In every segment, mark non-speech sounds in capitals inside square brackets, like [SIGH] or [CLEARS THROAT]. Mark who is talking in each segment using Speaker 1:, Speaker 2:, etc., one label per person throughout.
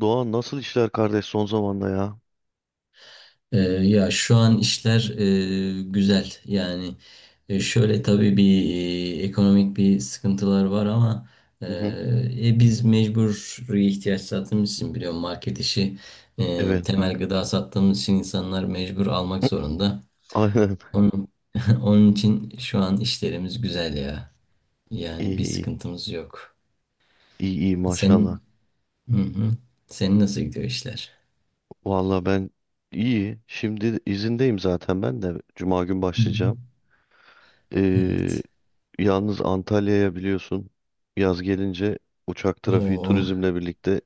Speaker 1: Doğan nasıl işler kardeş son zamanda ya?
Speaker 2: Ya şu an işler güzel yani. Şöyle tabii bir ekonomik bir sıkıntılar var, ama e,
Speaker 1: Hı hı.
Speaker 2: biz mecburi ihtiyaç sattığımız için biliyorum, market işi,
Speaker 1: Evet.
Speaker 2: temel gıda sattığımız için insanlar mecbur almak
Speaker 1: [LAUGHS]
Speaker 2: zorunda.
Speaker 1: Aynen.
Speaker 2: Onun, [LAUGHS] Onun için şu an işlerimiz güzel ya,
Speaker 1: İyi
Speaker 2: yani bir
Speaker 1: iyi.
Speaker 2: sıkıntımız yok.
Speaker 1: İyi iyi maşallah.
Speaker 2: Senin hı hı. Senin nasıl gidiyor işler?
Speaker 1: Valla ben iyi. Şimdi izindeyim zaten ben de. Cuma gün
Speaker 2: Hı hı.
Speaker 1: başlayacağım. Ee,
Speaker 2: Evet.
Speaker 1: Yalnız Antalya'ya biliyorsun yaz gelince uçak trafiği
Speaker 2: Oo,
Speaker 1: turizmle birlikte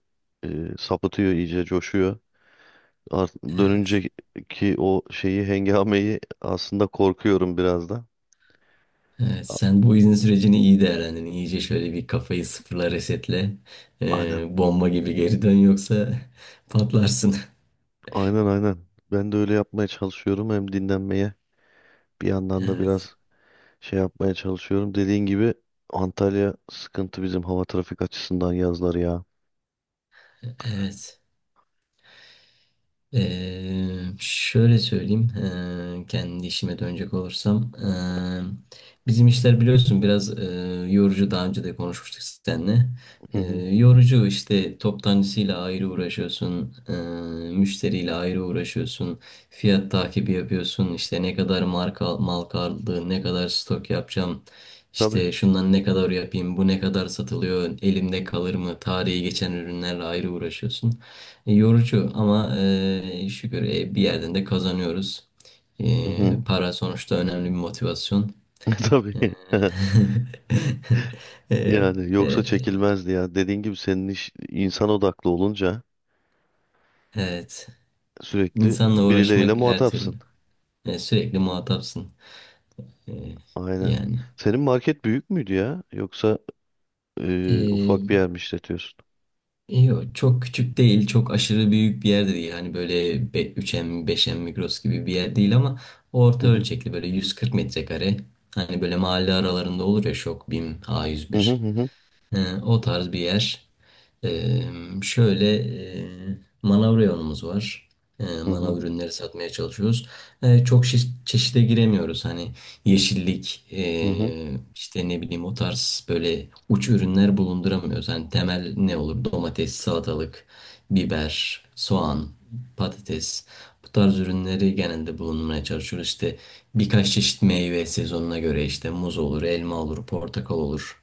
Speaker 1: e, sapıtıyor, iyice coşuyor. Art
Speaker 2: evet.
Speaker 1: dönünce ki o şeyi, hengameyi aslında korkuyorum biraz da.
Speaker 2: Evet,
Speaker 1: A-
Speaker 2: sen bu izin sürecini iyi değerlendirin. İyice şöyle bir kafayı sıfırla, resetle.
Speaker 1: Aynen.
Speaker 2: Bomba gibi geri dön, yoksa [LAUGHS] patlarsın.
Speaker 1: Aynen aynen. Ben de öyle yapmaya çalışıyorum, hem dinlenmeye, bir yandan da
Speaker 2: Evet.
Speaker 1: biraz şey yapmaya çalışıyorum. Dediğin gibi Antalya sıkıntı bizim hava trafik açısından yazları ya.
Speaker 2: Evet. Şöyle söyleyeyim, kendi işime dönecek olursam, bizim işler biliyorsun biraz yorucu. Daha önce de konuşmuştuk seninle.
Speaker 1: Hı hı.
Speaker 2: Eee, yorucu işte, toptancısıyla ayrı uğraşıyorsun, müşteriyle ayrı uğraşıyorsun, fiyat takibi yapıyorsun. İşte ne kadar marka mal kaldı, ne kadar stok yapacağım.
Speaker 1: Tabii.
Speaker 2: İşte şundan ne kadar yapayım, bu ne kadar satılıyor, elimde kalır mı, tarihi geçen ürünlerle ayrı uğraşıyorsun. Yorucu, ama şükür, bir yerden de kazanıyoruz. E,
Speaker 1: Hı hı.
Speaker 2: para sonuçta önemli bir motivasyon.
Speaker 1: [LAUGHS] Tabii.
Speaker 2: E,
Speaker 1: [LAUGHS]
Speaker 2: [LAUGHS] e,
Speaker 1: Yani yoksa
Speaker 2: e,
Speaker 1: çekilmezdi ya. Dediğin gibi senin iş insan odaklı olunca
Speaker 2: evet.
Speaker 1: sürekli
Speaker 2: İnsanla
Speaker 1: birileriyle
Speaker 2: uğraşmak her türlü.
Speaker 1: muhatapsın.
Speaker 2: Sürekli muhatapsın. E,
Speaker 1: Aynen.
Speaker 2: yani.
Speaker 1: Senin market büyük müydü ya? Yoksa ufak
Speaker 2: E,
Speaker 1: bir yer mi işletiyorsun?
Speaker 2: yok, çok küçük değil, çok aşırı büyük bir yer de değil. Hani böyle 3M, 5M Migros gibi bir yer değil, ama
Speaker 1: Hı
Speaker 2: orta
Speaker 1: hı.
Speaker 2: ölçekli böyle 140 metrekare. Hani böyle mahalle aralarında olur ya: Şok, BİM,
Speaker 1: Hı hı
Speaker 2: A101.
Speaker 1: hı hı.
Speaker 2: He, o tarz bir yer. Ee, şöyle manav reyonumuz var. Ee,
Speaker 1: Hı
Speaker 2: manav
Speaker 1: hı.
Speaker 2: ürünleri satmaya çalışıyoruz. Çok çeşide giremiyoruz. Hani yeşillik,
Speaker 1: Hı hı.
Speaker 2: işte ne bileyim, o tarz böyle uç ürünler bulunduramıyoruz. Hani temel ne olur? Domates, salatalık, biber, soğan, patates. Bu tarz ürünleri genelde bulundurmaya çalışıyoruz. İşte birkaç çeşit meyve sezonuna göre, işte muz olur, elma olur, portakal olur.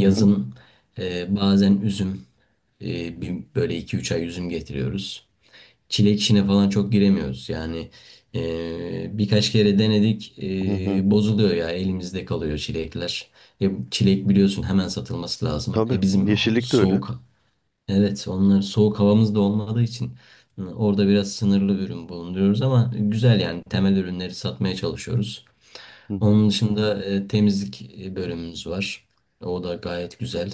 Speaker 1: Hı hı.
Speaker 2: bazen üzüm. Böyle iki üç ay üzüm getiriyoruz. Çilek işine falan çok giremiyoruz. Yani birkaç kere denedik.
Speaker 1: Hı hı.
Speaker 2: Bozuluyor ya, elimizde kalıyor çilekler. Çilek biliyorsun hemen satılması lazım.
Speaker 1: Tabii.
Speaker 2: Bizim
Speaker 1: Yeşillik de öyle.
Speaker 2: soğuk, evet onlar, soğuk havamız da olmadığı için orada biraz sınırlı ürün bulunduruyoruz, ama güzel, yani temel ürünleri satmaya çalışıyoruz.
Speaker 1: Hı hı.
Speaker 2: Onun dışında temizlik bölümümüz var. O da gayet güzel.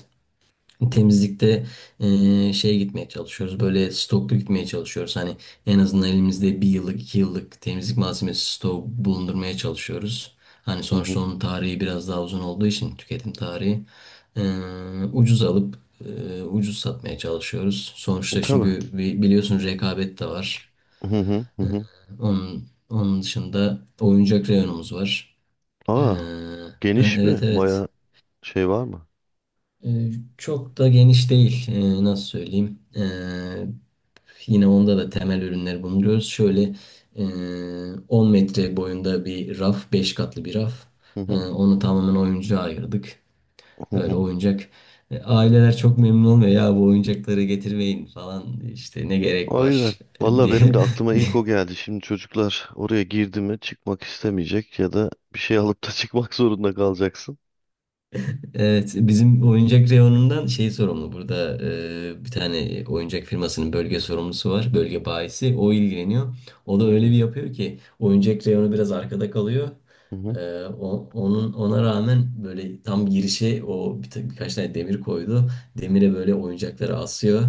Speaker 2: Temizlikte şeye gitmeye çalışıyoruz. Böyle stoklu gitmeye çalışıyoruz. Hani en azından elimizde bir yıllık, iki yıllık temizlik malzemesi stoğu bulundurmaya çalışıyoruz. Hani
Speaker 1: Hı
Speaker 2: sonuçta
Speaker 1: hı.
Speaker 2: onun tarihi biraz daha uzun olduğu için, tüketim tarihi. Ucuz alıp ucuz satmaya çalışıyoruz. Sonuçta,
Speaker 1: Tabii.
Speaker 2: çünkü biliyorsun, rekabet de var.
Speaker 1: Hı hı. Hı hı.
Speaker 2: Onun dışında oyuncak reyonumuz var. Eee,
Speaker 1: Aa,
Speaker 2: ha,
Speaker 1: geniş
Speaker 2: evet
Speaker 1: mi?
Speaker 2: evet.
Speaker 1: Baya şey var mı?
Speaker 2: Ee, Çok da geniş değil. Nasıl söyleyeyim? Yine onda da temel ürünleri bulunuyoruz. Şöyle e, 10 metre boyunda bir raf, 5 katlı bir raf.
Speaker 1: Hı
Speaker 2: E,
Speaker 1: hı,
Speaker 2: onu tamamen oyuncağa ayırdık.
Speaker 1: hı
Speaker 2: Böyle
Speaker 1: hı.
Speaker 2: oyuncak. Aileler çok memnun olmuyor. Ya, bu oyuncakları getirmeyin falan. İşte ne gerek
Speaker 1: Aynen.
Speaker 2: var [LAUGHS]
Speaker 1: Valla
Speaker 2: diye.
Speaker 1: benim de
Speaker 2: [LAUGHS]
Speaker 1: aklıma ilk o geldi. Şimdi çocuklar oraya girdi mi çıkmak istemeyecek ya da bir şey alıp da [LAUGHS] çıkmak zorunda kalacaksın.
Speaker 2: Evet, bizim oyuncak reyonundan şey sorumlu burada, bir tane oyuncak firmasının bölge sorumlusu var, bölge bayisi o ilgileniyor. O da öyle bir
Speaker 1: Hı
Speaker 2: yapıyor ki oyuncak reyonu biraz arkada kalıyor.
Speaker 1: hı hı.
Speaker 2: Onun ona rağmen böyle tam girişe birkaç tane demir koydu. Demire böyle oyuncakları asıyor.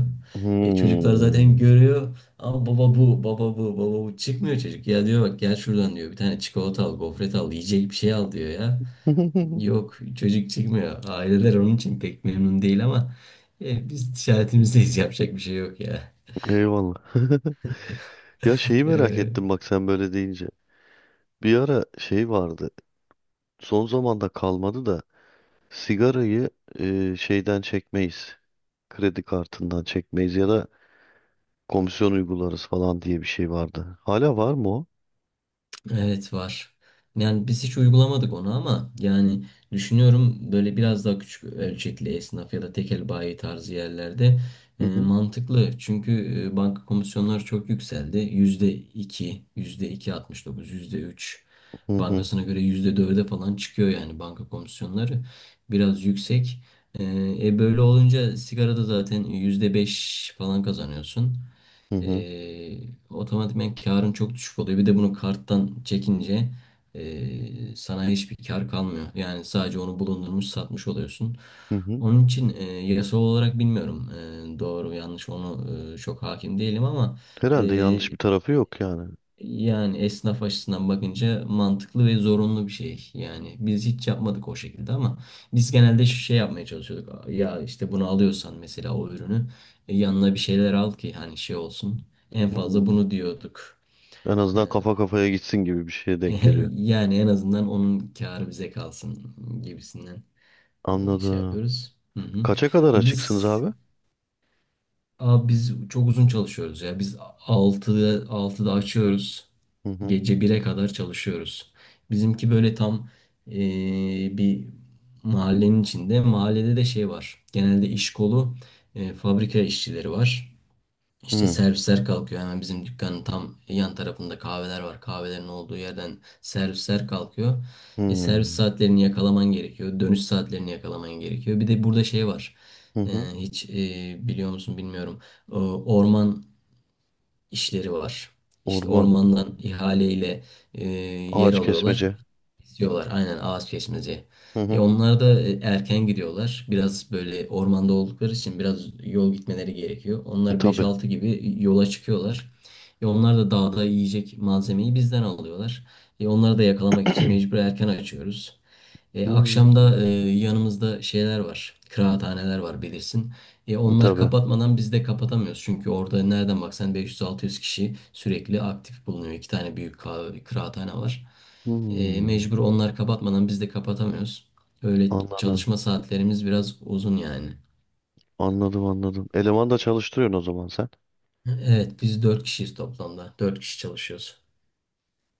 Speaker 2: Çocuklar zaten
Speaker 1: Hmm.
Speaker 2: görüyor, ama baba bu, baba bu, baba bu, çıkmıyor çocuk. Ya diyor, bak gel şuradan diyor, bir tane çikolata al, gofret al, yiyecek bir şey al diyor ya.
Speaker 1: [LAUGHS]
Speaker 2: Yok, çocuk çıkmıyor. Aileler onun için pek memnun değil, ama biz ticaretimizdeyiz, yapacak bir şey yok ya.
Speaker 1: Eyvallah. [LAUGHS] Ya şeyi
Speaker 2: [LAUGHS]
Speaker 1: merak
Speaker 2: E,
Speaker 1: ettim bak sen böyle deyince. Bir ara şey vardı. Son zamanda kalmadı da sigarayı şeyden çekmeyiz. Kredi kartından çekmeyiz ya da komisyon uygularız falan diye bir şey vardı. Hala var mı o?
Speaker 2: Evet, var. Yani biz hiç uygulamadık onu, ama yani düşünüyorum, böyle biraz daha küçük ölçekli esnaf ya da tekel bayi tarzı yerlerde
Speaker 1: Hı hı.
Speaker 2: mantıklı. Çünkü banka komisyonları çok yükseldi. %2, %2,69, %3.
Speaker 1: Hı hı.
Speaker 2: Bankasına göre %4'e falan çıkıyor, yani banka komisyonları biraz yüksek. E, böyle olunca sigarada zaten %5 falan kazanıyorsun.
Speaker 1: Hı hı.
Speaker 2: Eee otomatikman karın çok düşük oluyor. Bir de bunu karttan çekince sana hiçbir kar kalmıyor. Yani sadece onu bulundurmuş satmış oluyorsun.
Speaker 1: Hı hı.
Speaker 2: Onun için yasal olarak bilmiyorum, doğru yanlış onu çok hakim değilim, ama e,
Speaker 1: Herhalde yanlış bir tarafı yok yani.
Speaker 2: yani esnaf açısından bakınca mantıklı ve zorunlu bir şey. Yani biz hiç yapmadık o şekilde, ama biz genelde şu şey yapmaya çalışıyorduk. Ya işte, bunu alıyorsan mesela o ürünü, yanına bir şeyler al ki hani şey olsun. En fazla
Speaker 1: Hmm.
Speaker 2: bunu diyorduk.
Speaker 1: En
Speaker 2: Ee,
Speaker 1: azından kafa kafaya gitsin gibi bir şeye denk geliyor.
Speaker 2: [LAUGHS] yani en azından onun kârı bize kalsın gibisinden şey
Speaker 1: Anladım.
Speaker 2: yapıyoruz. Hı hı.
Speaker 1: Kaça kadar açıksınız
Speaker 2: Biz
Speaker 1: abi?
Speaker 2: Abi biz çok uzun çalışıyoruz ya. Biz altıda açıyoruz.
Speaker 1: Hı hı.
Speaker 2: Gece 1'e kadar çalışıyoruz. Bizimki böyle tam eee, bir mahallenin içinde. Mahallede de şey var. Genelde iş kolu fabrika işçileri var. İşte
Speaker 1: Hı
Speaker 2: servisler kalkıyor, hemen bizim dükkanın tam yan tarafında kahveler var. Kahvelerin olduğu yerden servisler kalkıyor.
Speaker 1: hı.
Speaker 2: Servis saatlerini yakalaman gerekiyor. Dönüş saatlerini yakalaman gerekiyor. Bir de burada şey var.
Speaker 1: Hı
Speaker 2: E,
Speaker 1: hı.
Speaker 2: hiç biliyor musun bilmiyorum. Orman işleri var. İşte
Speaker 1: Orman,
Speaker 2: ormandan ihaleyle e, yer
Speaker 1: ağaç
Speaker 2: alıyorlar.
Speaker 1: kesmece.
Speaker 2: İstiyorlar, aynen, ağaç kesmece.
Speaker 1: Hı
Speaker 2: E
Speaker 1: hı.
Speaker 2: onlar da erken gidiyorlar. Biraz böyle ormanda oldukları için biraz yol gitmeleri gerekiyor. Onlar beş
Speaker 1: Tabii.
Speaker 2: altı gibi yola çıkıyorlar. Onlar da dağda yiyecek malzemeyi bizden alıyorlar. Onları da yakalamak için
Speaker 1: [CLEARS THROAT]
Speaker 2: mecbur erken açıyoruz. E,
Speaker 1: Hmm,
Speaker 2: akşamda yanımızda şeyler var. Kıraathaneler var, bilirsin. Onlar
Speaker 1: tabii.
Speaker 2: kapatmadan biz de kapatamıyoruz. Çünkü orada nereden baksan 500-600 kişi sürekli aktif bulunuyor. İki tane büyük kıraathane var. E,
Speaker 1: Hmm,
Speaker 2: mecbur onlar kapatmadan biz de kapatamıyoruz. Öyle,
Speaker 1: anladım.
Speaker 2: çalışma saatlerimiz biraz uzun yani.
Speaker 1: Anladım anladım. Eleman da çalıştırıyorsun o zaman sen.
Speaker 2: Evet, biz 4 kişiyiz toplamda. Dört kişi çalışıyoruz.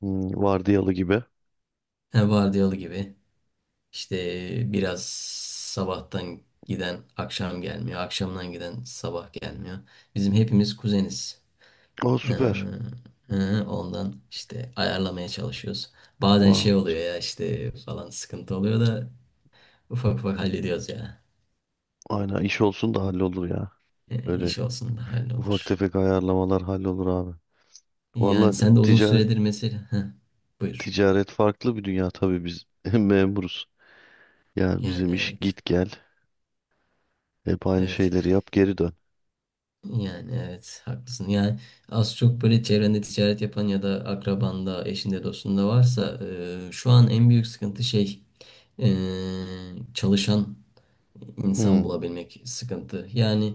Speaker 1: Hmm, vardiyalı gibi.
Speaker 2: He, vardiyalı gibi. İşte biraz, sabahtan giden akşam gelmiyor. Akşamdan giden sabah gelmiyor. Bizim hepimiz kuzeniz.
Speaker 1: Aa
Speaker 2: Ee,
Speaker 1: süper.
Speaker 2: ondan işte ayarlamaya çalışıyoruz. Bazen şey
Speaker 1: Vay.
Speaker 2: oluyor ya, işte falan sıkıntı oluyor da ufak ufak hallediyoruz ya.
Speaker 1: Aynen iş olsun da hallolur ya. Öyle
Speaker 2: İş olsun da
Speaker 1: ufak
Speaker 2: hallolur.
Speaker 1: tefek ayarlamalar hallolur abi.
Speaker 2: Yani
Speaker 1: Vallahi
Speaker 2: sen de uzun
Speaker 1: ticaret
Speaker 2: süredir mesela. Heh, buyur.
Speaker 1: ticaret farklı bir dünya tabii biz [LAUGHS] memuruz. Yani
Speaker 2: Yani
Speaker 1: bizim iş
Speaker 2: evet.
Speaker 1: git gel. Hep aynı
Speaker 2: Evet.
Speaker 1: şeyleri yap geri dön.
Speaker 2: Yani evet, haklısın. Yani az çok böyle çevrende ticaret yapan ya da akrabanda, eşinde, dostunda varsa şu an en büyük sıkıntı şey, e, çalışan insan
Speaker 1: Hmm,
Speaker 2: bulabilmek sıkıntı. Yani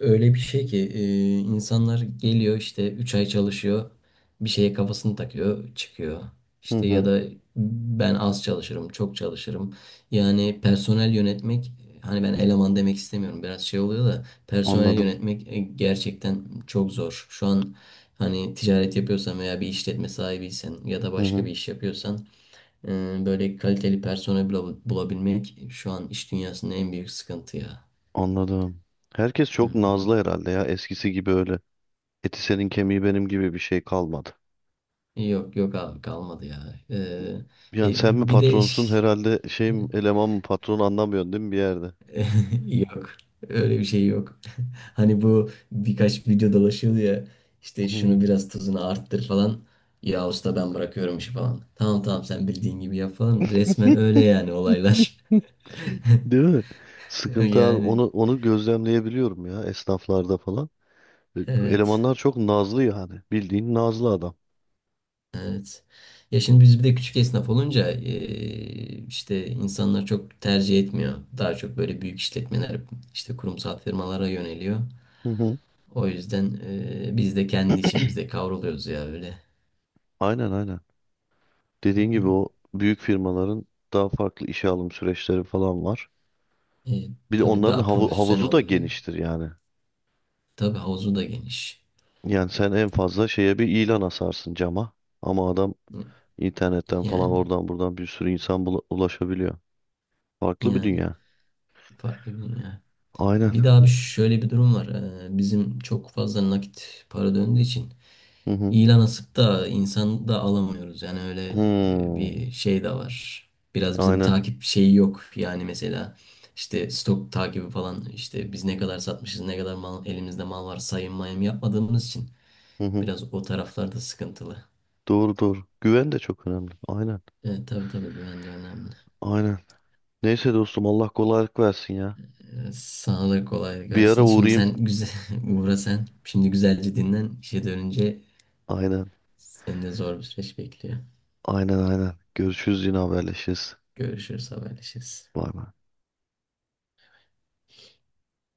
Speaker 2: öyle bir şey ki insanlar geliyor, işte 3 ay çalışıyor, bir şeye kafasını takıyor çıkıyor.
Speaker 1: hı
Speaker 2: İşte ya
Speaker 1: hı.
Speaker 2: da ben az çalışırım, çok çalışırım. Yani personel yönetmek, hani ben eleman demek istemiyorum, biraz şey oluyor da, personel
Speaker 1: Anladım.
Speaker 2: yönetmek gerçekten çok zor. Şu an hani ticaret yapıyorsan veya bir işletme sahibiysen ya da
Speaker 1: Hı
Speaker 2: başka bir
Speaker 1: hı.
Speaker 2: iş yapıyorsan, böyle kaliteli personel bulabilmek şu an iş dünyasının en büyük sıkıntı ya.
Speaker 1: Anladım. Herkes çok
Speaker 2: Hı.
Speaker 1: nazlı herhalde ya. Eskisi gibi öyle. Eti senin kemiği benim gibi bir şey kalmadı.
Speaker 2: Yok yok abi, kalmadı ya. Ee,
Speaker 1: Yani
Speaker 2: e,
Speaker 1: sen mi
Speaker 2: bir de
Speaker 1: patronsun herhalde, şey mi, eleman mı patron, anlamıyorsun değil mi bir yerde?
Speaker 2: [LAUGHS] yok, öyle bir şey yok. [LAUGHS] Hani, bu birkaç video dolaşıyordu ya, işte
Speaker 1: Hı.
Speaker 2: şunu biraz tuzunu arttır falan. Ya usta, ben bırakıyorum işi falan. Tamam, tamam, sen bildiğin gibi yap falan. Resmen öyle yani olaylar.
Speaker 1: [LAUGHS]
Speaker 2: [LAUGHS]
Speaker 1: Değil mi? Sıkıntı abi.
Speaker 2: Yani
Speaker 1: Onu gözlemleyebiliyorum ya esnaflarda falan. E,
Speaker 2: evet
Speaker 1: Elemanlar çok nazlı yani. Bildiğin nazlı adam.
Speaker 2: evet. Ya, şimdi biz bir de küçük esnaf olunca işte insanlar çok tercih etmiyor. Daha çok böyle büyük işletmeler, işte kurumsal firmalara yöneliyor.
Speaker 1: Hı hı.
Speaker 2: O yüzden biz de kendi içimizde kavruluyoruz ya, öyle.
Speaker 1: Aynen aynen. Dediğin gibi o büyük firmaların daha farklı işe alım süreçleri falan var.
Speaker 2: E,
Speaker 1: Bir de
Speaker 2: tabii
Speaker 1: onların
Speaker 2: daha profesyonel
Speaker 1: havuzu da
Speaker 2: oluyor.
Speaker 1: geniştir yani.
Speaker 2: Tabii havuzu da geniş.
Speaker 1: Yani sen en fazla şeye bir ilan asarsın cama. Ama adam internetten falan
Speaker 2: Yani
Speaker 1: oradan buradan bir sürü insan ulaşabiliyor. Farklı bir
Speaker 2: yani
Speaker 1: dünya.
Speaker 2: farklı bir dünya.
Speaker 1: Aynen.
Speaker 2: Bir daha bir şöyle bir durum var. Bizim çok fazla nakit para döndüğü için
Speaker 1: Hı hı.
Speaker 2: ilan asıp da insan da alamıyoruz. Yani öyle
Speaker 1: Hmm.
Speaker 2: bir şey de var. Biraz bizim
Speaker 1: Aynen.
Speaker 2: takip şeyi yok. Yani mesela, işte stok takibi falan, işte biz ne kadar satmışız, ne kadar mal, elimizde mal var, sayım mayım yapmadığımız için
Speaker 1: Hı hı.
Speaker 2: biraz o taraflarda sıkıntılı.
Speaker 1: Doğru doğru. Güven de çok önemli. Aynen.
Speaker 2: Evet, tabii tabii, güven de önemli.
Speaker 1: Aynen. Neyse dostum Allah kolaylık versin ya.
Speaker 2: Sana da kolaylık
Speaker 1: Bir ara
Speaker 2: versin. Şimdi
Speaker 1: uğrayayım.
Speaker 2: sen güzel [LAUGHS] uğra sen. Şimdi güzelce dinlen. İşe dönünce
Speaker 1: Aynen.
Speaker 2: seni de zor bir süreç bekliyor.
Speaker 1: Aynen aynen. Görüşürüz yine haberleşiriz.
Speaker 2: Görüşürüz, haberleşiriz.
Speaker 1: Bay bay.